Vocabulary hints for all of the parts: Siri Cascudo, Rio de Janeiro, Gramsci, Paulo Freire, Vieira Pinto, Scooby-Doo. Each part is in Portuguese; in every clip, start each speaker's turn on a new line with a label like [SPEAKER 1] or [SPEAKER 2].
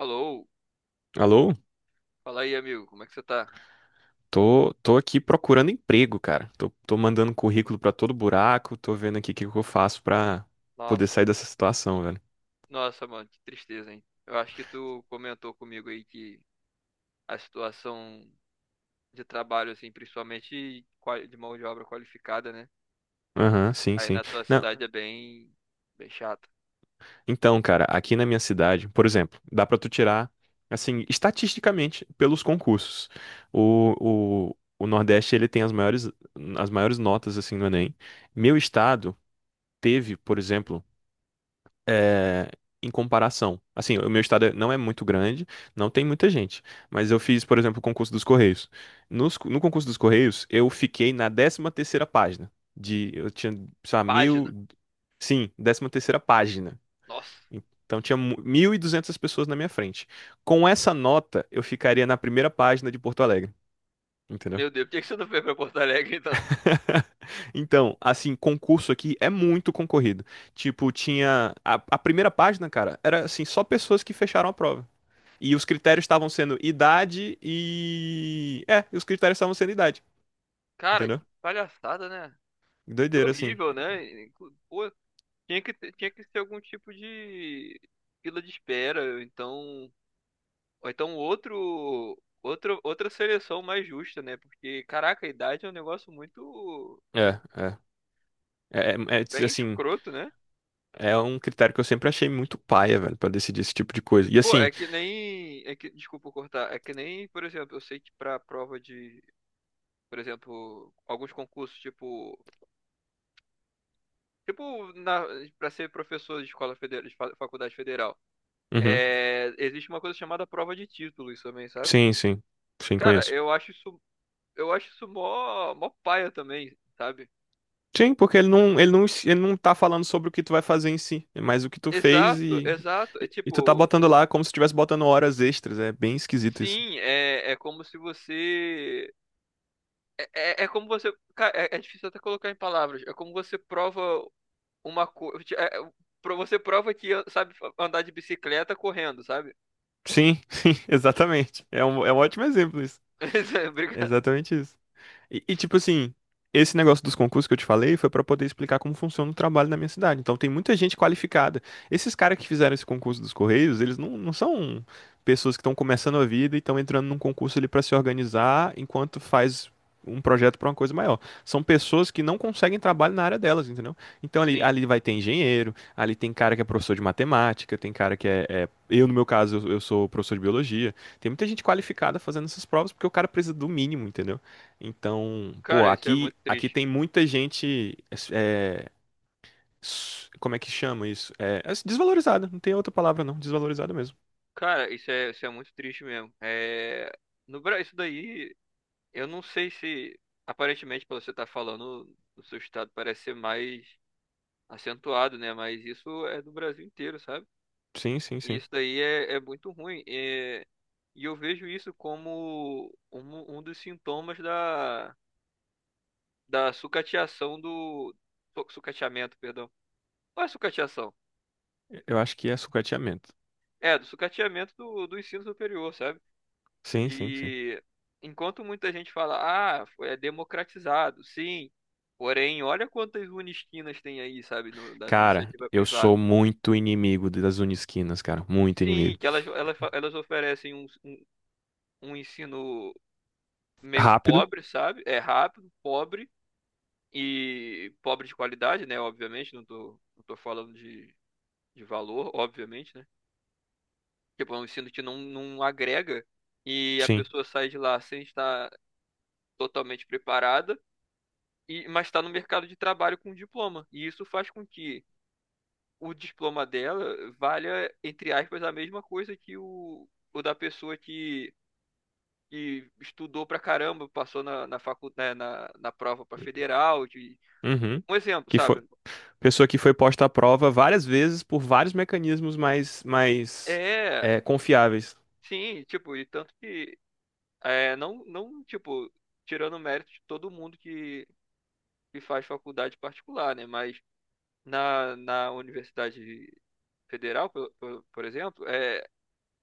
[SPEAKER 1] Alô,
[SPEAKER 2] Alô?
[SPEAKER 1] fala aí, amigo, como é que você tá?
[SPEAKER 2] Tô aqui procurando emprego, cara. Tô mandando currículo pra todo buraco, tô vendo aqui o que que eu faço pra poder
[SPEAKER 1] Nossa,
[SPEAKER 2] sair dessa situação, velho.
[SPEAKER 1] nossa, mano, que tristeza, hein? Eu acho que tu comentou comigo aí que a situação de trabalho, assim, principalmente de mão de obra qualificada, né?
[SPEAKER 2] Aham, sim,
[SPEAKER 1] Aí
[SPEAKER 2] sim.
[SPEAKER 1] na tua
[SPEAKER 2] Não,
[SPEAKER 1] cidade é bem chata.
[SPEAKER 2] então, cara, aqui na minha cidade, por exemplo, dá pra tu tirar, assim, estatisticamente, pelos concursos. O Nordeste, ele tem as maiores notas, assim, no Enem. Meu estado teve, por exemplo, é, em comparação. Assim, o meu estado não é muito grande, não tem muita gente, mas eu fiz, por exemplo, o concurso dos Correios. No concurso dos Correios, eu fiquei na 13ª página. Eu tinha, sei lá, mil.
[SPEAKER 1] Página,
[SPEAKER 2] Sim, 13ª página.
[SPEAKER 1] nossa,
[SPEAKER 2] Então tinha 1.200 pessoas na minha frente. Com essa nota, eu ficaria na primeira página de Porto Alegre. Entendeu?
[SPEAKER 1] meu Deus, por que que você não veio pra Porto Alegre, então?
[SPEAKER 2] Então, assim, concurso aqui é muito concorrido. Tipo, tinha. A primeira página, cara, era assim, só pessoas que fecharam a prova. E os critérios estavam sendo idade e. É, os critérios estavam sendo idade,
[SPEAKER 1] Cara,
[SPEAKER 2] entendeu?
[SPEAKER 1] que palhaçada, né? Que
[SPEAKER 2] Doideira, assim.
[SPEAKER 1] horrível, né? Pô, tinha que ser algum tipo de fila de espera, ou então outro, outra seleção mais justa, né? Porque, caraca, a idade é um negócio
[SPEAKER 2] É,
[SPEAKER 1] muito
[SPEAKER 2] é. É,
[SPEAKER 1] bem
[SPEAKER 2] assim,
[SPEAKER 1] escroto, né?
[SPEAKER 2] é um critério que eu sempre achei muito paia, velho, pra decidir esse tipo de coisa. E
[SPEAKER 1] Pô,
[SPEAKER 2] assim,
[SPEAKER 1] é que nem. É que, desculpa cortar. É que nem, por exemplo, eu sei que pra prova de, por exemplo, alguns concursos, tipo. Tipo, na, pra ser professor de escola federal, de faculdade federal.
[SPEAKER 2] uhum,
[SPEAKER 1] É, existe uma coisa chamada prova de títulos também, sabe?
[SPEAKER 2] sim, sim, sim,
[SPEAKER 1] Cara,
[SPEAKER 2] conheço.
[SPEAKER 1] eu acho isso. Eu acho isso mó paia também, sabe?
[SPEAKER 2] Sim, porque ele não tá falando sobre o que tu vai fazer em si, é mais o que tu fez e,
[SPEAKER 1] Exato. É
[SPEAKER 2] e, e tu tá
[SPEAKER 1] tipo,
[SPEAKER 2] botando lá como se estivesse botando horas extras. É bem esquisito isso.
[SPEAKER 1] Sim, é, é como se você. É, é como você. Cara, é difícil até colocar em palavras. É como você prova uma coisa. Você prova que sabe andar de bicicleta correndo, sabe?
[SPEAKER 2] Sim, sim, exatamente. É um ótimo exemplo isso. É
[SPEAKER 1] Obrigado.
[SPEAKER 2] exatamente isso. E, tipo assim, esse negócio dos concursos que eu te falei foi pra poder explicar como funciona o trabalho na minha cidade. Então tem muita gente qualificada. Esses caras que fizeram esse concurso dos Correios, eles não são pessoas que estão começando a vida e estão entrando num concurso ali pra se organizar enquanto faz um projeto pra uma coisa maior. São pessoas que não conseguem trabalho na área delas, entendeu? Então ali,
[SPEAKER 1] Sim.
[SPEAKER 2] ali vai ter engenheiro, ali tem cara que é professor de matemática, tem cara que eu, no meu caso, eu sou professor de biologia. Tem muita gente qualificada fazendo essas provas porque o cara precisa do mínimo, entendeu? Então, pô,
[SPEAKER 1] Cara, isso é
[SPEAKER 2] aqui,
[SPEAKER 1] muito
[SPEAKER 2] aqui
[SPEAKER 1] triste.
[SPEAKER 2] tem muita gente. é, Como é que chama isso? É, é desvalorizada, não tem outra palavra não, desvalorizada mesmo.
[SPEAKER 1] Cara, isso é muito triste mesmo. É, no Brasil, isso daí, eu não sei se. Aparentemente, pelo que você tá falando, o seu estado parece ser mais acentuado, né? Mas isso é do Brasil inteiro, sabe?
[SPEAKER 2] Sim, sim,
[SPEAKER 1] E
[SPEAKER 2] sim.
[SPEAKER 1] isso daí é muito ruim. É, e eu vejo isso como um dos sintomas da, da sucateação do. Sucateamento, perdão. Não é sucateação.
[SPEAKER 2] Eu acho que é sucateamento.
[SPEAKER 1] É, do sucateamento do ensino superior, sabe?
[SPEAKER 2] Sim, sim, sim.
[SPEAKER 1] Que enquanto muita gente fala, ah, foi é democratizado, sim. Porém, olha quantas unisquinas tem aí, sabe, da
[SPEAKER 2] Cara,
[SPEAKER 1] iniciativa
[SPEAKER 2] eu sou
[SPEAKER 1] privada.
[SPEAKER 2] muito inimigo das unisquinas, cara, muito
[SPEAKER 1] Sim,
[SPEAKER 2] inimigo.
[SPEAKER 1] que elas elas oferecem um ensino meio
[SPEAKER 2] Rápido,
[SPEAKER 1] pobre, sabe? É rápido, pobre e pobre de qualidade, né? Obviamente, não tô falando de valor, obviamente, né? Tipo, é um ensino que não agrega e a
[SPEAKER 2] sim.
[SPEAKER 1] pessoa sai de lá sem estar totalmente preparada, e, mas está no mercado de trabalho com diploma. E isso faz com que o diploma dela valha, entre aspas, a mesma coisa que o da pessoa que. Que estudou pra caramba, passou na facu, né, na prova pra federal, de,
[SPEAKER 2] Uhum.
[SPEAKER 1] um exemplo,
[SPEAKER 2] Que
[SPEAKER 1] sabe?
[SPEAKER 2] foi pessoa que foi posta à prova várias vezes por vários mecanismos mais
[SPEAKER 1] É,
[SPEAKER 2] confiáveis.
[SPEAKER 1] sim, tipo, e tanto que é, não, tipo, tirando o mérito de todo mundo que faz faculdade particular, né? Mas na Universidade Federal, por exemplo, é,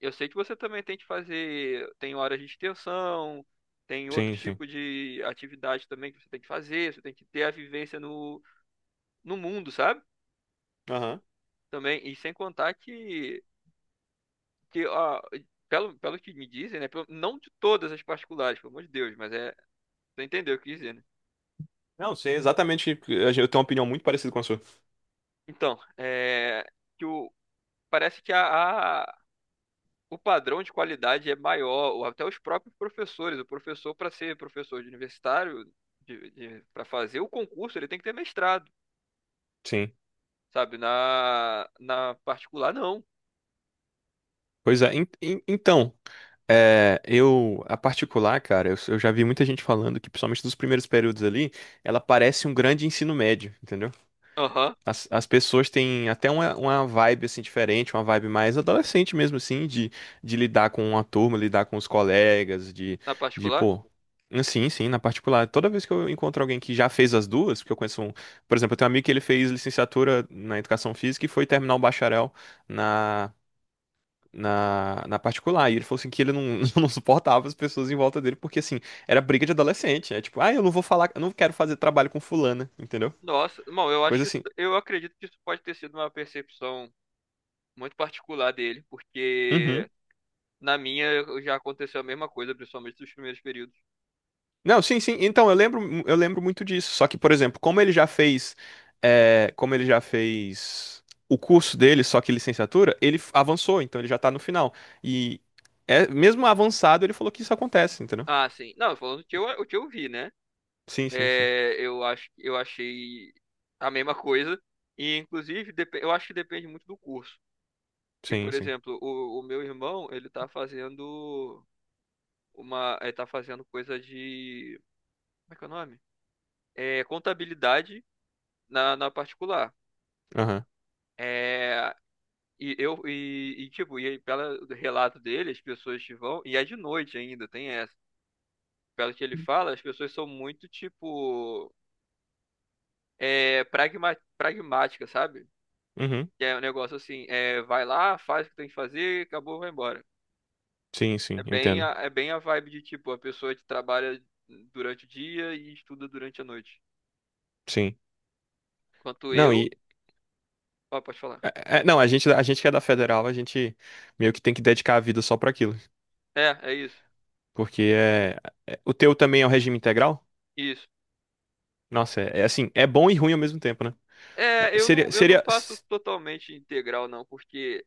[SPEAKER 1] eu sei que você também tem que fazer, tem horas de extensão, tem outros
[SPEAKER 2] Sim, sim.
[SPEAKER 1] tipos de atividade também que você tem que fazer, você tem que ter a vivência no, no mundo, sabe? Também, e sem contar que ó, pelo que me dizem, né? Não de todas as particulares, pelo amor de Deus, mas é Você entendeu o que eu quis dizer, né?
[SPEAKER 2] Não, sei exatamente. Eu tenho uma opinião muito parecida com a sua.
[SPEAKER 1] Então, é, que o, parece que o padrão de qualidade é maior, ou até os próprios professores. O professor, para ser professor de universitário, para fazer o concurso, ele tem que ter mestrado,
[SPEAKER 2] Sim.
[SPEAKER 1] sabe? Na particular, não.
[SPEAKER 2] Pois é. Então, eu, a particular, cara, eu já vi muita gente falando que, principalmente dos primeiros períodos ali, ela parece um grande ensino médio, entendeu?
[SPEAKER 1] Aham,
[SPEAKER 2] As pessoas têm até uma, vibe assim diferente, uma vibe mais adolescente mesmo assim, de, lidar com uma turma, lidar com os colegas, de,
[SPEAKER 1] na
[SPEAKER 2] de
[SPEAKER 1] particular?
[SPEAKER 2] pô. Sim, sim, na particular. Toda vez que eu encontro alguém que já fez as duas, porque eu conheço um, por exemplo, eu tenho um amigo que ele fez licenciatura na educação física e foi terminar o bacharel na, na particular. E ele falou assim que ele não, não suportava as pessoas em volta dele, porque assim, era briga de adolescente. É tipo, ah, eu não vou falar, eu não quero fazer trabalho com fulana, entendeu?
[SPEAKER 1] Nossa, bom,
[SPEAKER 2] Coisa assim.
[SPEAKER 1] eu acredito que isso pode ter sido uma percepção muito particular dele, porque
[SPEAKER 2] Uhum.
[SPEAKER 1] na minha já aconteceu a mesma coisa, principalmente nos primeiros períodos.
[SPEAKER 2] Não, sim, sim. Então, eu lembro muito disso. Só que, por exemplo, como ele já fez o curso dele, só que licenciatura, ele avançou, então ele já tá no final. E mesmo avançado, ele falou que isso acontece, entendeu?
[SPEAKER 1] Ah, sim. Não, falando o que o que eu vi, né?
[SPEAKER 2] Sim, sim, sim.
[SPEAKER 1] É, eu achei a mesma coisa. E, inclusive, eu acho que depende muito do curso. Porque,
[SPEAKER 2] Sim,
[SPEAKER 1] por
[SPEAKER 2] sim.
[SPEAKER 1] exemplo, o meu irmão, ele tá fazendo uma, ele tá fazendo coisa de, como é que é o nome? É, contabilidade na particular.
[SPEAKER 2] Aham.
[SPEAKER 1] É, e eu, e, tipo, e aí, pelo relato dele, as pessoas que vão, e é de noite ainda, tem essa. Pelo que ele fala, as pessoas são muito, tipo, é, pragmáticas, sabe?
[SPEAKER 2] Uhum.
[SPEAKER 1] Que é um negócio assim, é, vai lá, faz o que tem que fazer, acabou, vai embora.
[SPEAKER 2] Sim, sim, eu entendo.
[SPEAKER 1] É bem a vibe de tipo, a pessoa que trabalha durante o dia e estuda durante a noite.
[SPEAKER 2] Sim.
[SPEAKER 1] Quanto
[SPEAKER 2] Não,
[SPEAKER 1] eu.
[SPEAKER 2] e
[SPEAKER 1] Ó, pode falar.
[SPEAKER 2] não, a gente que é da federal, a gente meio que tem que dedicar a vida só pra aquilo.
[SPEAKER 1] É, é isso.
[SPEAKER 2] Porque o teu também é o regime integral?
[SPEAKER 1] Isso.
[SPEAKER 2] Nossa, é assim, é bom e ruim ao mesmo tempo, né?
[SPEAKER 1] É,
[SPEAKER 2] É, seria,
[SPEAKER 1] eu não
[SPEAKER 2] seria.
[SPEAKER 1] faço totalmente integral, não, porque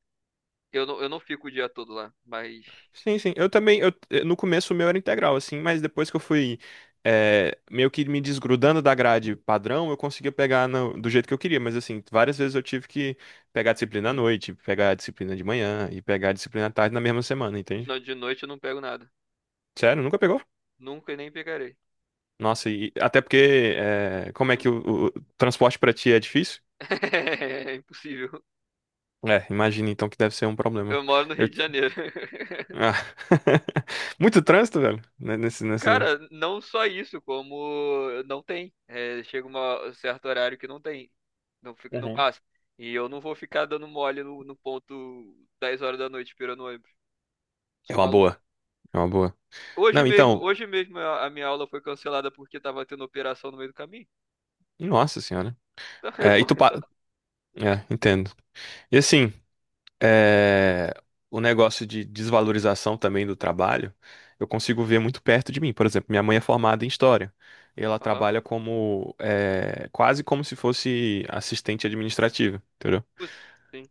[SPEAKER 1] eu não fico o dia todo lá. Mas
[SPEAKER 2] Sim, sim. Eu também. No começo o meu era integral, assim, mas depois que eu fui meio que me desgrudando da grade padrão, eu conseguia pegar do jeito que eu queria. Mas assim, várias vezes eu tive que pegar a disciplina à noite, pegar a disciplina de manhã e pegar a disciplina à tarde na mesma semana, entende?
[SPEAKER 1] não, de noite eu não pego nada.
[SPEAKER 2] Sério, nunca pegou?
[SPEAKER 1] Nunca e nem pegarei.
[SPEAKER 2] Nossa, e até porque como é que
[SPEAKER 1] Eu-
[SPEAKER 2] o transporte pra ti é difícil?
[SPEAKER 1] É impossível.
[SPEAKER 2] É, imagina então que deve ser um problema.
[SPEAKER 1] Eu moro no
[SPEAKER 2] Eu-
[SPEAKER 1] Rio de Janeiro.
[SPEAKER 2] Ah. Muito trânsito, velho, né, nesse, nessa.
[SPEAKER 1] Cara, não só isso, como não tem. É, chega um certo horário que não tem. Não fica, não
[SPEAKER 2] Uhum.
[SPEAKER 1] passa. E eu não vou ficar dando mole no ponto 10 horas da noite esperando o ônibus.
[SPEAKER 2] É
[SPEAKER 1] Sou
[SPEAKER 2] uma
[SPEAKER 1] maluco.
[SPEAKER 2] boa. É uma boa. Não, então,
[SPEAKER 1] Hoje mesmo a minha aula foi cancelada porque tava tendo operação no meio do caminho.
[SPEAKER 2] nossa senhora.
[SPEAKER 1] Então, é
[SPEAKER 2] É, e
[SPEAKER 1] bom,
[SPEAKER 2] tu pa.
[SPEAKER 1] então.
[SPEAKER 2] É, entendo. E assim, é, o negócio de desvalorização também do trabalho, eu consigo ver muito perto de mim. Por exemplo, minha mãe é formada em história. E ela
[SPEAKER 1] Aham.
[SPEAKER 2] trabalha como, quase como se fosse assistente administrativa.
[SPEAKER 1] Putz, sim.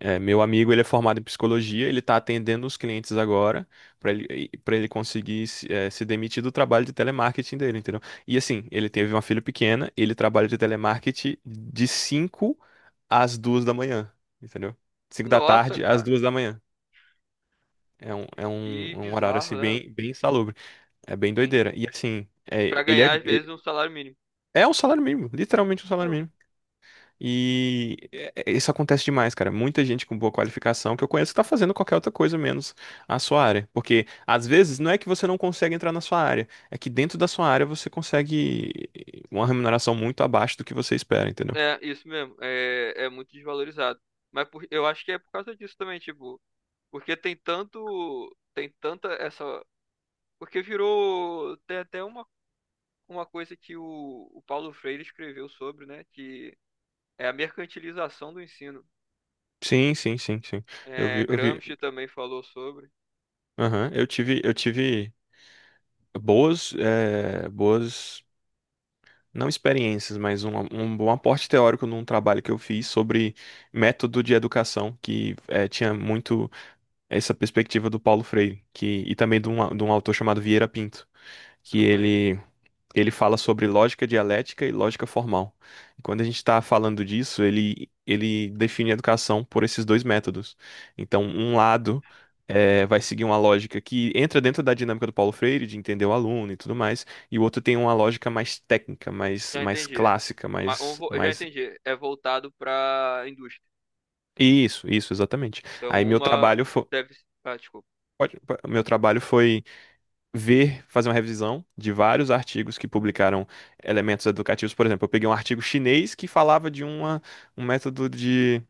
[SPEAKER 2] Meu amigo, ele é formado em psicologia, ele está atendendo os clientes agora para ele, conseguir se demitir do trabalho de telemarketing dele, entendeu? E assim, ele teve uma filha pequena, ele trabalha de telemarketing de 5 às 2 da manhã, entendeu? Cinco da
[SPEAKER 1] Nossa,
[SPEAKER 2] tarde às
[SPEAKER 1] cara.
[SPEAKER 2] 2 da manhã. É um, é um,
[SPEAKER 1] Que
[SPEAKER 2] é um horário
[SPEAKER 1] bizarro,
[SPEAKER 2] assim
[SPEAKER 1] né?
[SPEAKER 2] bem, bem insalubre. É bem
[SPEAKER 1] Sim.
[SPEAKER 2] doideira. E assim,
[SPEAKER 1] Pra
[SPEAKER 2] é, ele é,
[SPEAKER 1] ganhar, às vezes,
[SPEAKER 2] ele-
[SPEAKER 1] um salário mínimo.
[SPEAKER 2] é um salário mínimo, literalmente um salário
[SPEAKER 1] Pô,
[SPEAKER 2] mínimo. E isso acontece demais, cara. Muita gente com boa qualificação que eu conheço tá fazendo qualquer outra coisa menos a sua área. Porque às vezes não é que você não consegue entrar na sua área, é que dentro da sua área você consegue uma remuneração muito abaixo do que você espera, entendeu?
[SPEAKER 1] é, isso mesmo. É, é muito desvalorizado. Eu acho que é por causa disso também, tipo. Porque tem tanto. Tem tanta essa. Porque virou. Tem até uma coisa que o Paulo Freire escreveu sobre, né? Que é a mercantilização do ensino.
[SPEAKER 2] Sim, sim, sim, sim. Eu
[SPEAKER 1] É,
[SPEAKER 2] vi, eu vi.
[SPEAKER 1] Gramsci também falou sobre.
[SPEAKER 2] Aham. Eu tive boas não experiências, mas um bom aporte teórico num trabalho que eu fiz sobre método de educação, que tinha muito essa perspectiva do Paulo Freire, que, e também de um, de um autor chamado Vieira Pinto,
[SPEAKER 1] Eu
[SPEAKER 2] que
[SPEAKER 1] não conheço.
[SPEAKER 2] ele ele fala sobre lógica dialética e lógica formal. E quando a gente está falando disso, ele define a educação por esses dois métodos. Então, um lado vai seguir uma lógica que entra dentro da dinâmica do Paulo Freire, de entender o aluno e tudo mais, e o outro tem uma lógica mais técnica, mais,
[SPEAKER 1] Já
[SPEAKER 2] mais
[SPEAKER 1] entendi.
[SPEAKER 2] clássica, mais,
[SPEAKER 1] Já
[SPEAKER 2] mais...
[SPEAKER 1] entendi. É voltado para a indústria.
[SPEAKER 2] Isso, isso, exatamente. Aí
[SPEAKER 1] Então,
[SPEAKER 2] meu
[SPEAKER 1] uma
[SPEAKER 2] trabalho foi.
[SPEAKER 1] deve. Ah, desculpa.
[SPEAKER 2] Meu trabalho foi ver, fazer uma revisão de vários artigos que publicaram elementos educativos. Por exemplo, eu peguei um artigo chinês que falava de uma, um método de,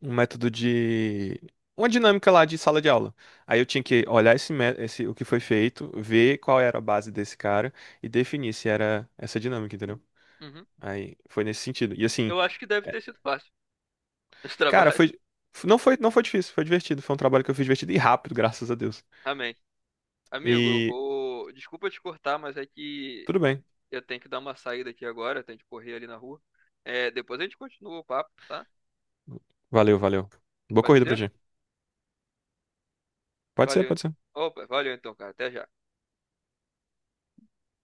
[SPEAKER 2] um método de, uma dinâmica lá de sala de aula. Aí eu tinha que olhar esse, o que foi feito, ver qual era a base desse cara e definir se era essa dinâmica, entendeu?
[SPEAKER 1] Uhum.
[SPEAKER 2] Aí foi nesse sentido. E assim,
[SPEAKER 1] Eu acho que deve
[SPEAKER 2] é,
[SPEAKER 1] ter sido fácil esse
[SPEAKER 2] cara,
[SPEAKER 1] trabalho.
[SPEAKER 2] foi, não foi difícil, foi divertido. Foi um trabalho que eu fiz divertido e rápido, graças a Deus.
[SPEAKER 1] Amém. Amigo, eu
[SPEAKER 2] E
[SPEAKER 1] vou. Desculpa te cortar, mas é que
[SPEAKER 2] tudo bem.
[SPEAKER 1] eu tenho que dar uma saída aqui agora, eu tenho que correr ali na rua. É, depois a gente continua o papo, tá?
[SPEAKER 2] Valeu, valeu. Boa
[SPEAKER 1] Pode
[SPEAKER 2] corrida pra
[SPEAKER 1] ser?
[SPEAKER 2] ti. Pode ser,
[SPEAKER 1] Valeu.
[SPEAKER 2] pode
[SPEAKER 1] Então.
[SPEAKER 2] ser.
[SPEAKER 1] Opa, valeu então, cara. Até já.